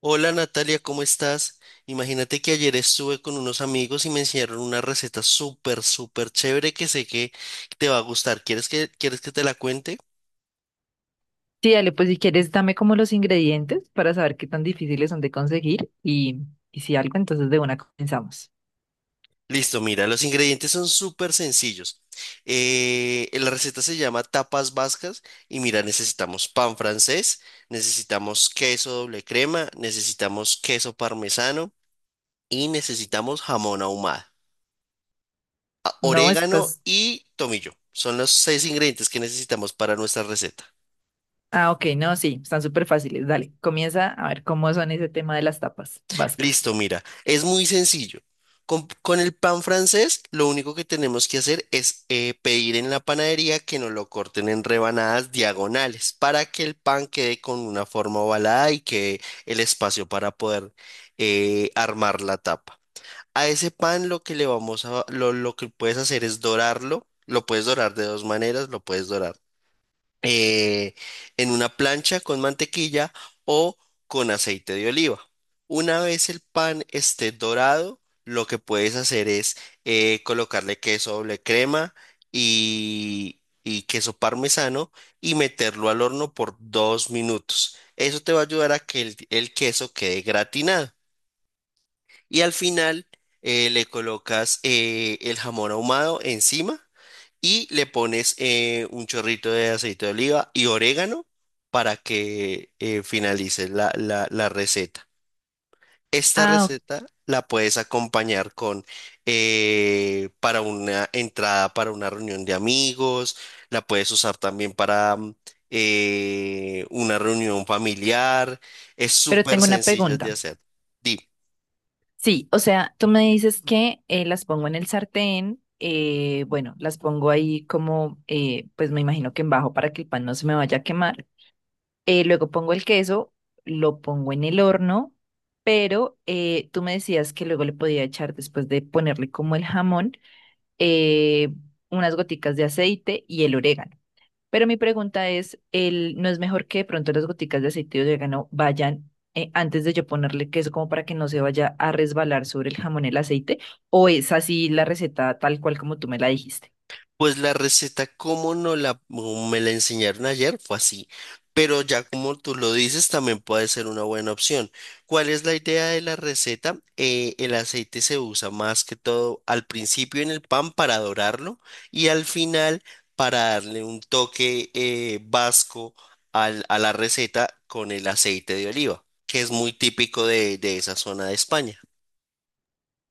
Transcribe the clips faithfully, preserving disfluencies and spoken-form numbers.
Hola Natalia, ¿cómo estás? Imagínate que ayer estuve con unos amigos y me enseñaron una receta súper, súper chévere que sé que te va a gustar. ¿Quieres que, quieres que te la cuente? Sí, dale, pues si quieres, dame como los ingredientes para saber qué tan difíciles son de conseguir y, y si algo, entonces de una comenzamos. Listo, mira, los ingredientes son súper sencillos. Eh, la receta se llama tapas vascas y mira, necesitamos pan francés, necesitamos queso doble crema, necesitamos queso parmesano y necesitamos jamón ahumado, a- No, orégano estás... y tomillo. Son los seis ingredientes que necesitamos para nuestra receta. Ah, ok, no, sí, están súper fáciles. Dale, comienza a ver cómo son ese tema de las tapas vascas. Listo, mira, es muy sencillo. Con, con el pan francés, lo único que tenemos que hacer es eh, pedir en la panadería que nos lo corten en rebanadas diagonales para que el pan quede con una forma ovalada y quede el espacio para poder eh, armar la tapa. A ese pan lo que le vamos a, lo, lo que puedes hacer es dorarlo. Lo puedes dorar de dos maneras, lo puedes dorar eh, en una plancha con mantequilla o con aceite de oliva. Una vez el pan esté dorado, lo que puedes hacer es eh, colocarle queso doble crema y, y queso parmesano y meterlo al horno por dos minutos. Eso te va a ayudar a que el el queso quede gratinado. Y al final eh, le colocas eh, el jamón ahumado encima y le pones eh, un chorrito de aceite de oliva y orégano para que eh, finalice la, la- la receta. Esta Ah, ok, receta la puedes acompañar con eh, para una entrada para una reunión de amigos, la puedes usar también para mm, eh, una reunión familiar. Es pero súper tengo una sencilla de pregunta. hacer. Dime. Sí, o sea, tú me dices que eh, las pongo en el sartén, eh, bueno, las pongo ahí como, eh, pues me imagino que en bajo para que el pan no se me vaya a quemar. Eh, luego pongo el queso, lo pongo en el horno, pero eh, tú me decías que luego le podía echar, después de ponerle como el jamón, eh, unas goticas de aceite y el orégano. Pero mi pregunta es, el, ¿no es mejor que de pronto las goticas de aceite y orégano vayan eh, antes de yo ponerle queso como para que no se vaya a resbalar sobre el jamón el aceite? ¿O es así la receta tal cual como tú me la dijiste? Pues la receta, como no la, como me la enseñaron ayer, fue así. Pero ya como tú lo dices, también puede ser una buena opción. ¿Cuál es la idea de la receta? Eh, el aceite se usa más que todo al principio en el pan para dorarlo y al final para darle un toque eh, vasco al- a la receta con el aceite de oliva, que es muy típico de de esa zona de España.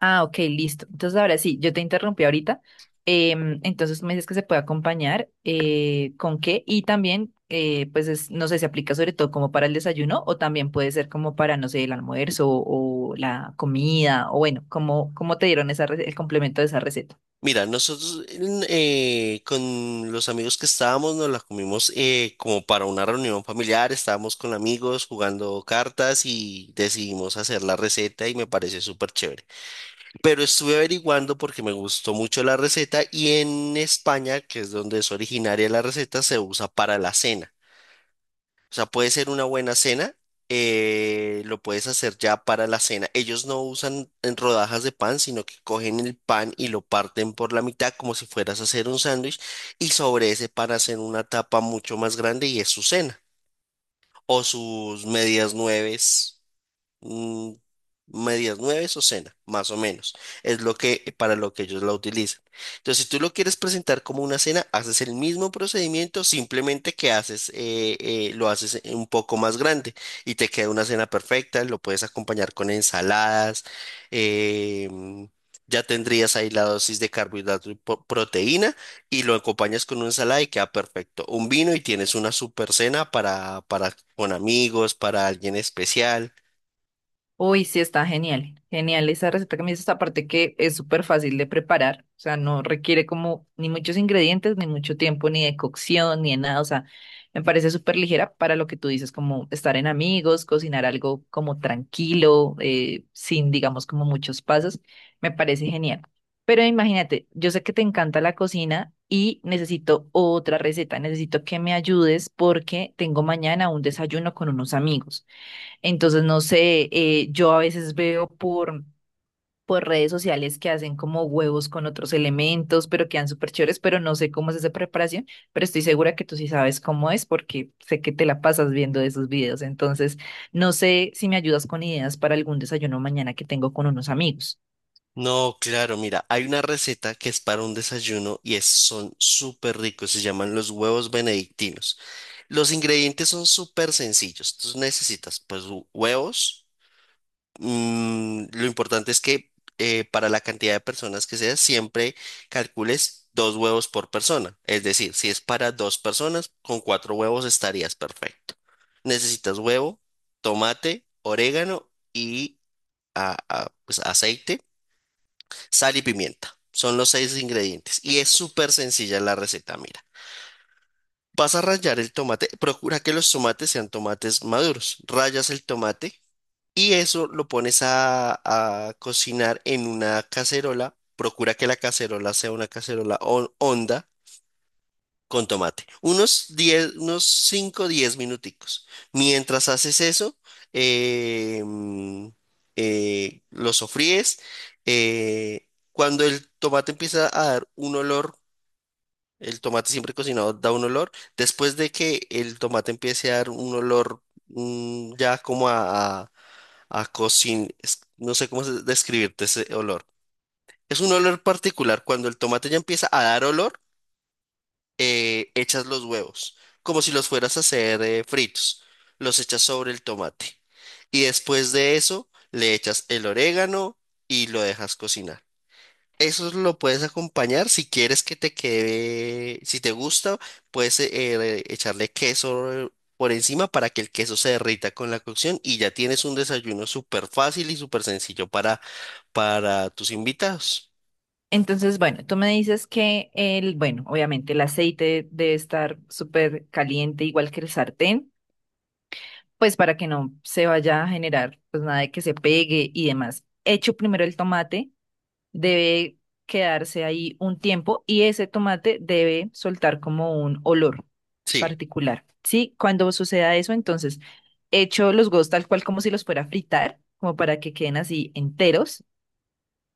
Ah, ok, listo. Entonces ahora sí, yo te interrumpí ahorita. Em, entonces tú me dices que se puede acompañar eh, con qué y también, eh, pues es- no sé, se aplica sobre todo como para el desayuno o también puede ser como para, no sé, el almuerzo o, la comida o bueno, como, cómo cómo te dieron esa, re- el complemento de esa receta? Mira, nosotros eh, con los amigos que estábamos nos la comimos eh, como para una reunión familiar, estábamos con amigos jugando cartas y decidimos hacer la receta y me pareció súper chévere. Pero estuve averiguando porque me gustó mucho la receta y en España, que es donde es originaria la receta, se usa para la cena. O sea, puede ser una buena cena, eh, lo puedes hacer ya para la cena. Ellos no usan en rodajas de pan, sino que cogen el pan y lo parten por la mitad como si fueras a hacer un sándwich y sobre ese pan hacen una tapa mucho más grande y es su cena o sus medias nueves, mm, medias nueves o cena, más o menos. Es lo que, para lo que ellos la utilizan. Entonces, si tú lo quieres presentar como una cena, haces el mismo procedimiento, simplemente que haces, eh, eh, lo haces un poco más grande y te queda una cena perfecta. Lo puedes acompañar con ensaladas. eh, Ya tendrías ahí la dosis de carbohidrato y po- proteína y lo acompañas con una ensalada y queda perfecto. Un vino y tienes una super cena para, para con amigos, para alguien especial. Uy, sí, está genial. Genial esa receta que me dices, aparte que es súper fácil de preparar, o sea, no requiere como ni muchos ingredientes, ni mucho tiempo, ni de cocción, ni de nada, o sea, me parece súper ligera para lo que tú dices, como estar en amigos, cocinar algo como tranquilo, eh, sin, digamos, como muchos pasos, me parece genial. Pero imagínate, yo sé que te encanta la cocina y necesito otra receta, necesito que me ayudes porque tengo mañana un desayuno con unos amigos. Entonces, no sé, eh, yo a veces veo por, por redes sociales que hacen como huevos con otros elementos, pero quedan súper chéveres, pero no sé cómo es esa preparación, pero estoy segura que tú sí sabes cómo es porque sé que te la pasas viendo esos videos. Entonces, no sé si me ayudas con ideas para algún desayuno mañana que tengo con unos amigos. No, claro, mira, hay una receta que es para un desayuno y es, son súper ricos, se llaman los huevos benedictinos. Los ingredientes son súper sencillos, tú necesitas pues hu- huevos, mm, lo importante es que eh, para la cantidad de personas que sea, siempre calcules dos huevos por persona, es decir, si es para dos personas, con cuatro huevos estarías perfecto. Necesitas huevo, tomate, orégano y ah, ah, pues, aceite, sal y pimienta. Son los seis ingredientes. Y es súper sencilla la receta, mira. Vas a rallar el tomate, procura que los tomates sean tomates maduros. Rayas el tomate y eso lo pones a, a cocinar en una cacerola. Procura que la cacerola sea una cacerola hon- honda con tomate. Unos diez unos cinco, diez minuticos. Mientras haces eso, eh, mm, eh, lo sofríes. Eh, cuando el tomate empieza a dar un olor, el tomate siempre cocinado da un olor. Después de que el tomate empiece a dar un olor, mm, ya como a, a, a cocin- es- no sé cómo se- describirte ese olor. Es un olor particular. Cuando el tomate ya empieza a dar olor, eh, echas los huevos, como si los fueras a hacer eh, fritos, los echas sobre el tomate y después de eso le echas el orégano y lo dejas cocinar. Eso lo puedes acompañar si quieres que te quede, si te gusta, puedes eh, eh, echarle queso por encima para que el queso se derrita con la cocción y ya tienes un desayuno súper fácil y súper sencillo para, para tus invitados. Entonces, bueno, tú me dices que el, bueno, obviamente el aceite debe estar súper caliente, igual que el sartén. Pues para que no se vaya a generar pues nada de que se pegue y demás. Hecho primero el tomate, debe quedarse ahí un tiempo y ese tomate debe soltar como un olor Sí. particular. Sí, cuando suceda eso, entonces hecho los huevos tal cual como si los fuera a fritar, como para que queden así enteros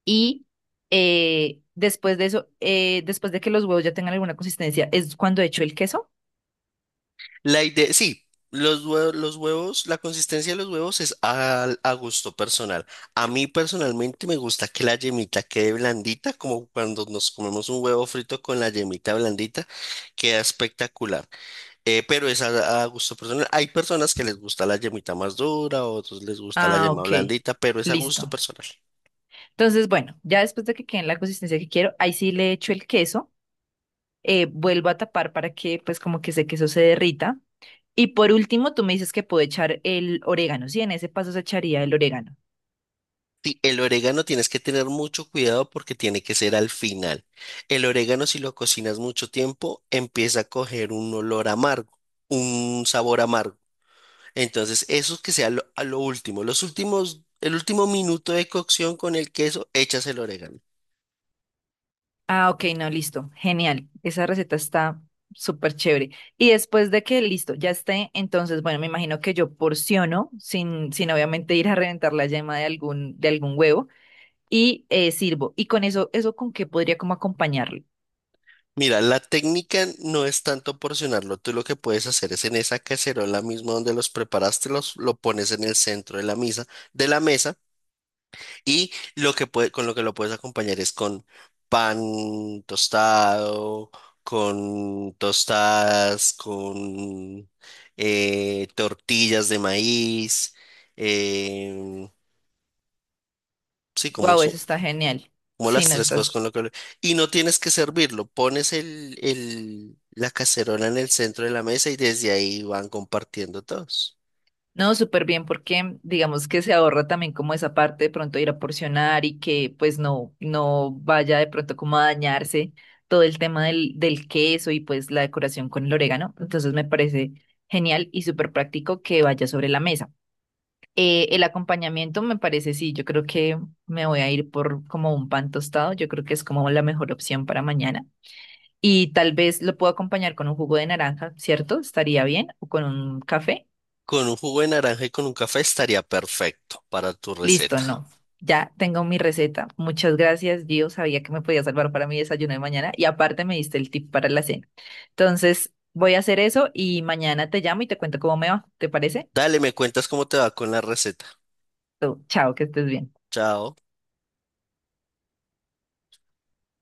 y eh, después de eso, eh, después de que los huevos ya tengan alguna consistencia, es cuando hecho el queso. La idea, sí, los huevos, los huevos, la consistencia de los huevos es al- a, gusto personal. A mí personalmente me gusta que la yemita quede blandita, como cuando nos comemos un huevo frito con la yemita blandita, queda espectacular. Eh, pero es a, a gusto personal. Hay personas que les gusta la yemita más dura, otros les gusta la Ah, yema ok, blandita, pero es a gusto listo. personal. Entonces, bueno, ya después de que quede en la consistencia que quiero, ahí sí le echo el queso, eh, vuelvo a tapar para que pues como que ese queso se derrita. Y por último, tú me dices que puedo echar el orégano, sí, en ese paso se echaría el orégano. Sí, el orégano tienes que tener mucho cuidado porque tiene que ser al final. El orégano, si lo cocinas mucho tiempo, empieza a coger un olor amargo, un sabor amargo. Entonces, eso que sea lo, a lo último, los últimos, el último minuto de cocción con el queso, echas el orégano. Ah, ok, no, listo, genial. Esa receta está súper chévere. Y después de que listo, ya esté, entonces, bueno, me imagino que yo porciono sin, sin obviamente ir a reventar la yema de algún, de algún huevo y eh, sirvo. Y con eso, ¿eso con qué podría como acompañarlo? Mira, la técnica no es tanto porcionarlo. Tú lo que puedes hacer es en esa cacerola misma donde los preparaste, los, lo pones en el centro de la misa, de la mesa. Y lo que puede- con lo que lo puedes acompañar es con pan tostado, con tostadas, con eh, tortillas de maíz. em, sí, como, Wow, so- eso está genial. como las Sí, no, tres está. cosas con lo que... lo- Y no tienes que servirlo, pones el, el- la cacerola en el centro de la mesa y desde ahí van compartiendo todos. No, súper bien, porque digamos que se ahorra también como esa parte de pronto ir a porcionar y que pues no, no vaya de pronto como a dañarse todo el tema del, del queso y pues la decoración con el orégano. Entonces me parece genial y súper práctico que vaya sobre la mesa. Eh, el acompañamiento me parece, sí, yo creo que me voy a ir por como un pan tostado, yo creo que es como la mejor opción para mañana. Y tal vez lo puedo acompañar con un jugo de naranja, ¿cierto? Estaría bien, o con un café. Con un jugo de naranja y con un café estaría perfecto para tu Listo, receta. no. Ya tengo mi receta. Muchas gracias, Gio. Sabía que me podía salvar para mi desayuno de mañana y aparte me diste el tip para la cena. Entonces, voy a hacer eso y mañana te llamo y te cuento cómo me va. ¿Te parece? Dale, me cuentas cómo te va con la receta. Tú, chao, que estés bien. Chao.